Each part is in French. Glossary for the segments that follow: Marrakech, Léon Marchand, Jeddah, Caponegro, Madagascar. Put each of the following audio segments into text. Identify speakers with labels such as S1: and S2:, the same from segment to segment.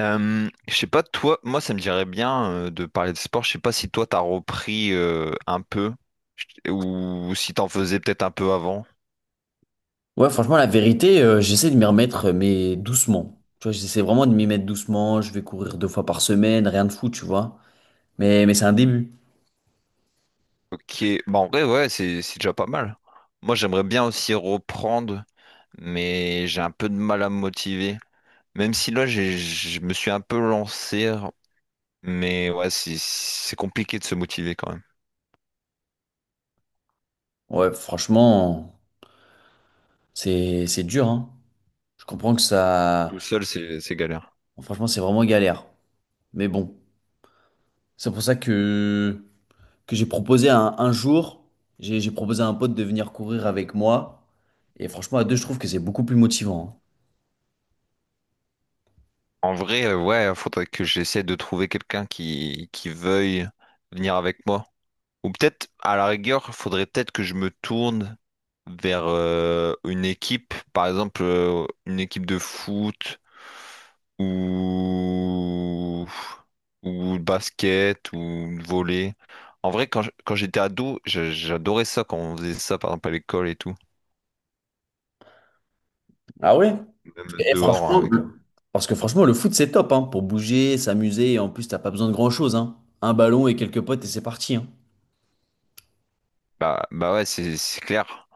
S1: Je sais pas, toi, moi ça me dirait bien de parler de sport. Je sais pas si toi t'as repris un peu ou si t'en faisais peut-être un peu avant.
S2: Ouais, franchement, la vérité, j'essaie de m'y remettre, mais doucement. Tu vois, j'essaie vraiment de m'y mettre doucement. Je vais courir deux fois par semaine, rien de fou, tu vois. Mais c'est un début.
S1: Ok, bah en vrai, ouais, c'est déjà pas mal. Moi j'aimerais bien aussi reprendre, mais j'ai un peu de mal à me motiver. Même si là j'ai, je me suis un peu lancé, mais ouais, c'est compliqué de se motiver quand même.
S2: Ouais, franchement, c'est dur, hein. Je comprends que
S1: Tout
S2: ça,
S1: seul, c'est galère.
S2: franchement, c'est vraiment galère. Mais bon, c'est pour ça que j'ai proposé un jour, j'ai proposé à un pote de venir courir avec moi. Et franchement, à deux, je trouve que c'est beaucoup plus motivant,
S1: En vrai, ouais, faudrait que j'essaie de trouver quelqu'un qui veuille venir avec moi. Ou peut-être, à la rigueur, il faudrait peut-être que je me tourne vers une équipe, par exemple une équipe de foot ou ou de basket ou de volley. En vrai, quand j'étais ado, j'adorais ça quand on faisait ça, par exemple à l'école et tout,
S2: hein. Ah ouais?
S1: même
S2: Et
S1: dehors hein,
S2: franchement,
S1: avec.
S2: parce que franchement, le foot, c'est top, hein, pour bouger, s'amuser, et en plus, t'as pas besoin de grand-chose, hein. Un ballon et quelques potes, et c'est parti, hein.
S1: Bah bah ouais, c'est clair.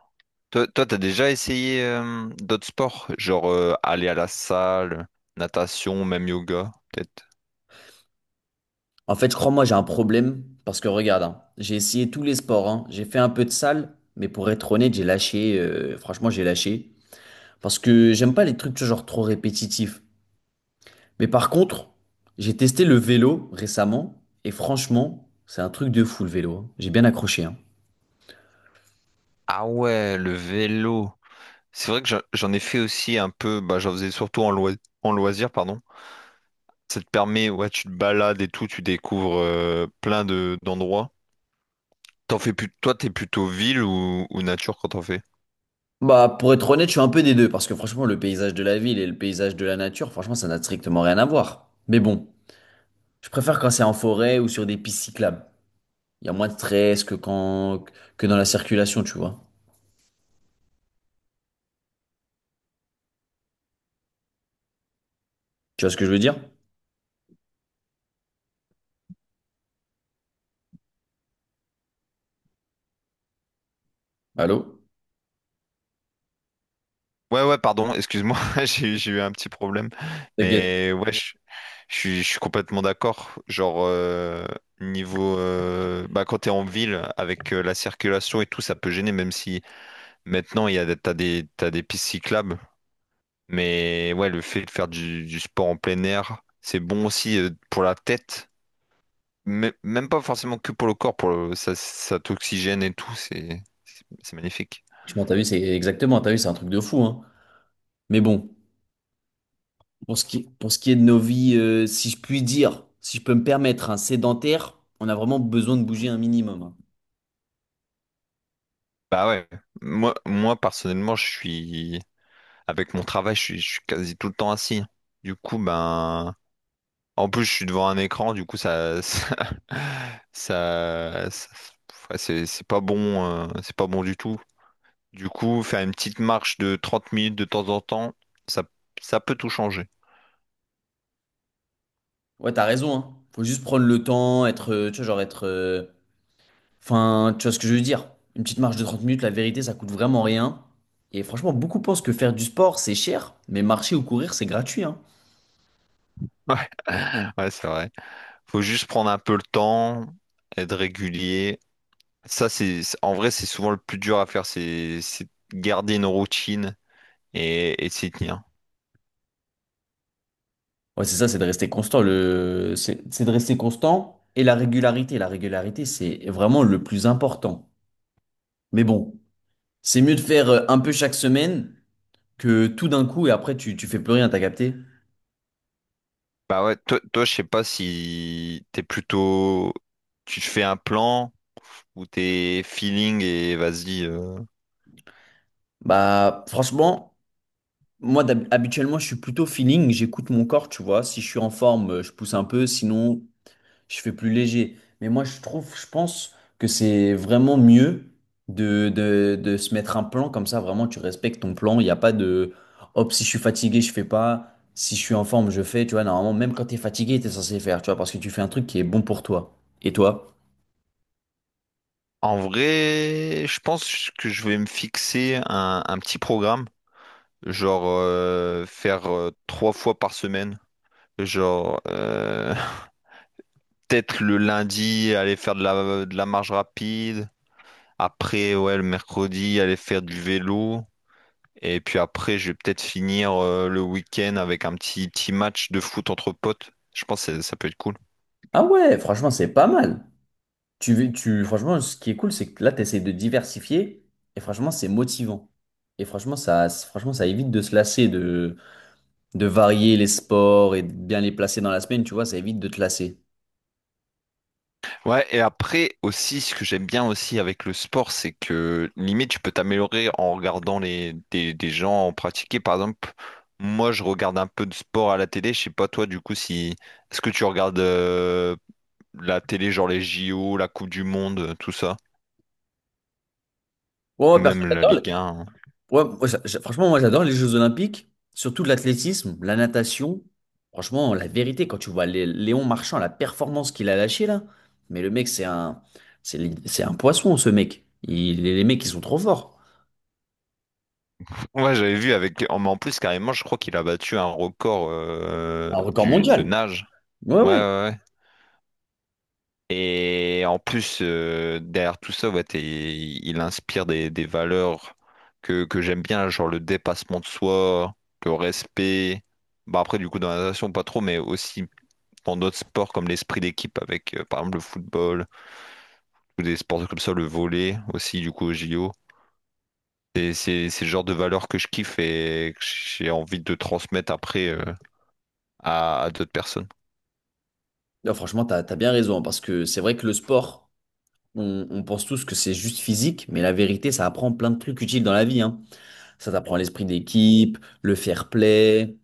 S1: Toi, toi, t'as déjà essayé d'autres sports, genre aller à la salle, natation, même yoga, peut-être?
S2: En fait, je crois, moi, j'ai un problème, parce que regarde, hein, j'ai essayé tous les sports, hein. J'ai fait un peu de salle, mais pour être honnête, j'ai lâché, franchement, j'ai lâché, parce que j'aime pas les trucs, tu vois, genre, trop répétitifs. Mais par contre, j'ai testé le vélo récemment, et franchement, c'est un truc de fou, le vélo, hein. J'ai bien accroché, hein.
S1: Ah ouais, le vélo. C'est vrai que j'en ai fait aussi un peu, bah, j'en faisais surtout en loisir, pardon. Ça te permet, ouais, tu te balades et tout, tu découvres plein de d'endroits. T'en fais plus, toi, t'es plutôt ville ou nature quand t'en fais?
S2: Bah, pour être honnête, je suis un peu des deux, parce que franchement, le paysage de la ville et le paysage de la nature, franchement, ça n'a strictement rien à voir. Mais bon, je préfère quand c'est en forêt ou sur des pistes cyclables. Il y a moins de stress que quand, que dans la circulation, tu vois. Tu vois ce que je veux dire? Allô?
S1: Ouais, ouais, pardon, excuse-moi, j'ai eu un petit problème.
S2: T'inquiète,
S1: Mais ouais, je, je suis complètement d'accord. Genre, niveau, bah, quand t'es en ville, avec la circulation et tout, ça peut gêner, même si maintenant, il y a, t'as des pistes cyclables. Mais ouais, le fait de faire du sport en plein air, c'est bon aussi pour la tête, mais même pas forcément que pour le corps, pour le, ça t'oxygène et tout, c'est magnifique.
S2: franchement, t'as vu, c'est exactement, t'as vu, c'est un truc de fou, hein. Mais bon, pour ce qui est de nos vies, si je puis dire, si je peux me permettre, un sédentaire, on a vraiment besoin de bouger un minimum, hein.
S1: Bah ouais, moi, moi personnellement, je suis avec mon travail, je suis quasi tout le temps assis. Du coup, ben en plus, je suis devant un écran, du coup, ça, ça, ça, ça- ouais, c'est pas bon, c'est pas bon du tout. Du coup, faire une petite marche de 30 minutes de temps en temps, ça, ça peut tout changer.
S2: Ouais, t'as raison, hein. Faut juste prendre le temps, être, tu vois, genre être, enfin, tu vois ce que je veux dire? Une petite marche de 30 minutes, la vérité, ça coûte vraiment rien. Et franchement, beaucoup pensent que faire du sport, c'est cher, mais marcher ou courir, c'est gratuit, hein.
S1: Ouais, ouais, c'est vrai. Faut juste prendre un peu le temps, être régulier. Ça, en vrai, c'est souvent le plus dur à faire, c'est garder une routine et s'y tenir.
S2: Ouais, c'est ça, c'est de rester constant. Le... c'est de rester constant et la régularité. La régularité, c'est vraiment le plus important. Mais bon, c'est mieux de faire un peu chaque semaine que tout d'un coup et après tu, tu fais plus rien, t'as capté?
S1: Bah ouais, toi, toi, je sais pas si t'es plutôt, tu te fais un plan, ou t'es feelings et vas-y,
S2: Bah, franchement, moi, habituellement, je suis plutôt feeling, j'écoute mon corps, tu vois. Si je suis en forme, je pousse un peu, sinon, je fais plus léger. Mais moi, je trouve, je pense que c'est vraiment mieux de se mettre un plan comme ça. Vraiment, tu respectes ton plan. Il n'y a pas de hop, si je suis fatigué, je fais pas. Si je suis en forme, je fais. Tu vois, normalement, même quand tu es fatigué, tu es censé faire. Tu vois, parce que tu fais un truc qui est bon pour toi. Et toi?
S1: En vrai, je pense que je vais me fixer un petit programme, genre faire trois fois par semaine, genre peut-être le lundi aller faire de la marche rapide, après ouais le mercredi aller faire du vélo, et puis après je vais peut-être finir le week-end avec un petit petit match de foot entre potes. Je pense que ça peut être cool.
S2: Ah ouais, franchement, c'est pas mal. Tu, tu, franchement, ce qui est cool, c'est que là, tu essaies de diversifier. Et franchement, c'est motivant. Et franchement, ça évite de se lasser de varier les sports et de bien les placer dans la semaine, tu vois, ça évite de te lasser.
S1: Ouais, et après aussi, ce que j'aime bien aussi avec le sport, c'est que limite, tu peux t'améliorer en regardant les, des gens en pratiquer. Par exemple, moi, je regarde un peu de sport à la télé. Je sais pas, toi, du coup, si... Est-ce que tu regardes la télé, genre les JO, la Coupe du Monde, tout ça?
S2: Ouais, moi, perso,
S1: Même la Ligue 1, hein.
S2: ouais, moi, franchement, moi, j'adore les Jeux Olympiques, surtout l'athlétisme, la natation. Franchement, la vérité, quand tu vois Léon Marchand, la performance qu'il a lâchée là, mais le mec, c'est un, c'est un poisson, ce mec. Il, les mecs, ils sont trop forts.
S1: Ouais, j'avais vu avec... En, en plus, carrément, je crois qu'il a battu un record
S2: Un record
S1: de
S2: mondial.
S1: nage.
S2: Ouais,
S1: Ouais, ouais,
S2: ouais.
S1: ouais. Et en plus, derrière tout ça, ouais, il inspire des valeurs que j'aime bien, genre le dépassement de soi, le respect. Bah après, du coup, dans la natation, pas trop, mais aussi dans d'autres sports comme l'esprit d'équipe avec, par exemple, le football ou des sports comme ça, le volley aussi, du coup, au JO. Et c'est le genre de valeurs que je kiffe et que j'ai envie de transmettre après à d'autres personnes.
S2: Non, franchement, t'as bien raison, hein, parce que c'est vrai que le sport, on pense tous que c'est juste physique, mais la vérité, ça apprend plein de trucs utiles dans la vie, hein. Ça t'apprend l'esprit d'équipe, le fair play,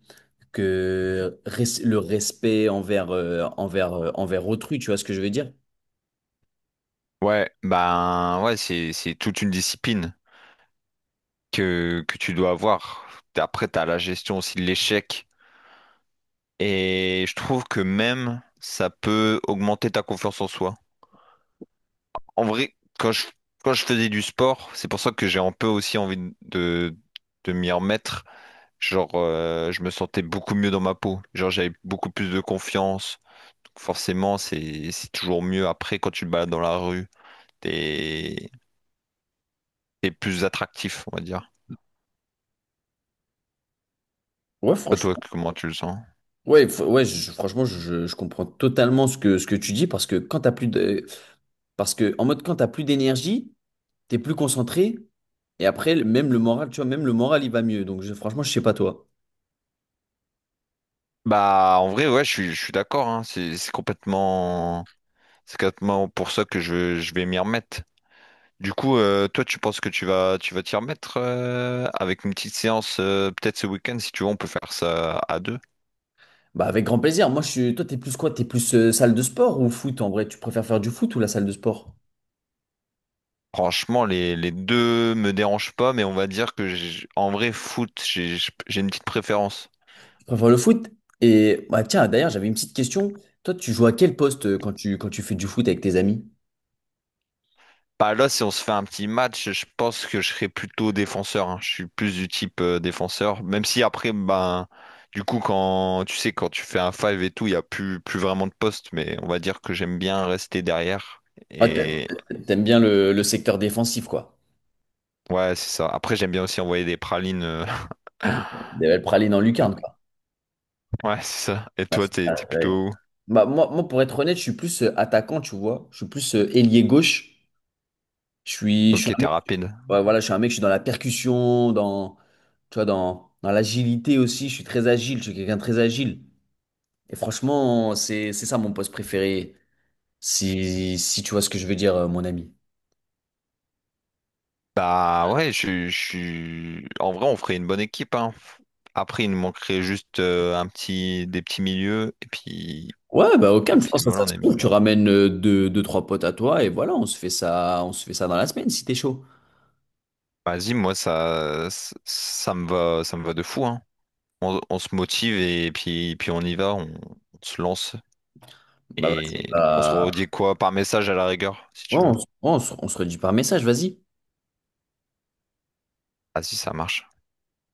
S2: le respect envers autrui, tu vois ce que je veux dire?
S1: Ouais, ben ouais, c'est toute une discipline que tu dois avoir. Après, tu as la gestion aussi de l'échec. Et je trouve que même ça peut augmenter ta confiance en soi. En vrai, quand je faisais du sport, c'est pour ça que j'ai un peu aussi envie de m'y remettre. Genre, je me sentais beaucoup mieux dans ma peau. Genre, j'avais beaucoup plus de confiance. Donc forcément, c'est toujours mieux après quand tu te balades dans la rue. T'es, t'es plus attractif, on va dire.
S2: Ouais,
S1: Toi, toi,
S2: franchement.
S1: comment tu le sens?
S2: Ouais, ouais, franchement, je comprends totalement ce que tu dis parce que quand t'as plus de, parce que en mode quand t'as plus d'énergie, t'es plus concentré et après même le moral, tu vois, même le moral il va mieux. Donc franchement, je sais pas toi.
S1: Bah, en vrai, ouais, je suis d'accord, hein. C'est complètement pour ça que je vais m'y remettre. Du coup, toi, tu penses que tu vas t'y remettre avec une petite séance, peut-être ce week-end, si tu veux, on peut faire ça à deux.
S2: Bah avec grand plaisir. Moi, je suis, toi, t'es plus quoi? T'es plus salle de sport ou foot en vrai? Tu préfères faire du foot ou la salle de sport?
S1: Franchement, les deux me dérangent pas, mais on va dire que en vrai, foot, j'ai une petite préférence.
S2: Enfin, le foot. Et bah, tiens, d'ailleurs, j'avais une petite question. Toi, tu joues à quel poste quand quand tu fais du foot avec tes amis?
S1: Bah là, si on se fait un petit match, je pense que je serais plutôt défenseur, hein. Je suis plus du type défenseur. Même si après, ben, du coup, quand tu sais, quand tu fais un five et tout, il n'y a plus, plus vraiment de poste. Mais on va dire que j'aime bien rester derrière.
S2: Ah,
S1: Et
S2: t'aimes bien le secteur défensif, quoi.
S1: ouais, c'est ça. Après, j'aime bien aussi envoyer des pralines,
S2: Des belles pralines en lucarne, quoi.
S1: Ouais, c'est ça. Et
S2: Bah,
S1: toi,
S2: c'est
S1: t'es
S2: ça,
S1: t'es
S2: ouais.
S1: plutôt où?
S2: Bah, moi, moi, pour être honnête, je suis plus attaquant, tu vois. Je suis plus ailier gauche. Je suis
S1: Ok, t'es rapide.
S2: Ouais, voilà, je suis un mec, je suis dans la percussion, tu vois, dans l'agilité aussi. Je suis très agile, je suis quelqu'un de très agile. Et franchement, c'est ça mon poste préféré, si tu vois ce que je veux dire, mon ami.
S1: Bah ouais, je suis. En vrai, on ferait une bonne équipe, hein. Après, il nous manquerait juste un petit, des petits milieux,
S2: Ouais, bah
S1: et
S2: aucun, je
S1: puis
S2: pense que
S1: voilà,
S2: ça
S1: on
S2: se
S1: est
S2: trouve.
S1: bien.
S2: Tu ramènes deux, deux, trois potes à toi et voilà, on se fait ça, on se fait ça dans la semaine si t'es chaud.
S1: Vas-y, moi ça, ça me va, ça me va de fou, hein. On se motive et puis, puis on y va, on se lance
S2: Bah, vas-y,
S1: et on se
S2: bah,
S1: redit quoi par message à la rigueur, si
S2: ouais,
S1: tu veux.
S2: on se redit par message, vas-y.
S1: Vas-y, ça marche.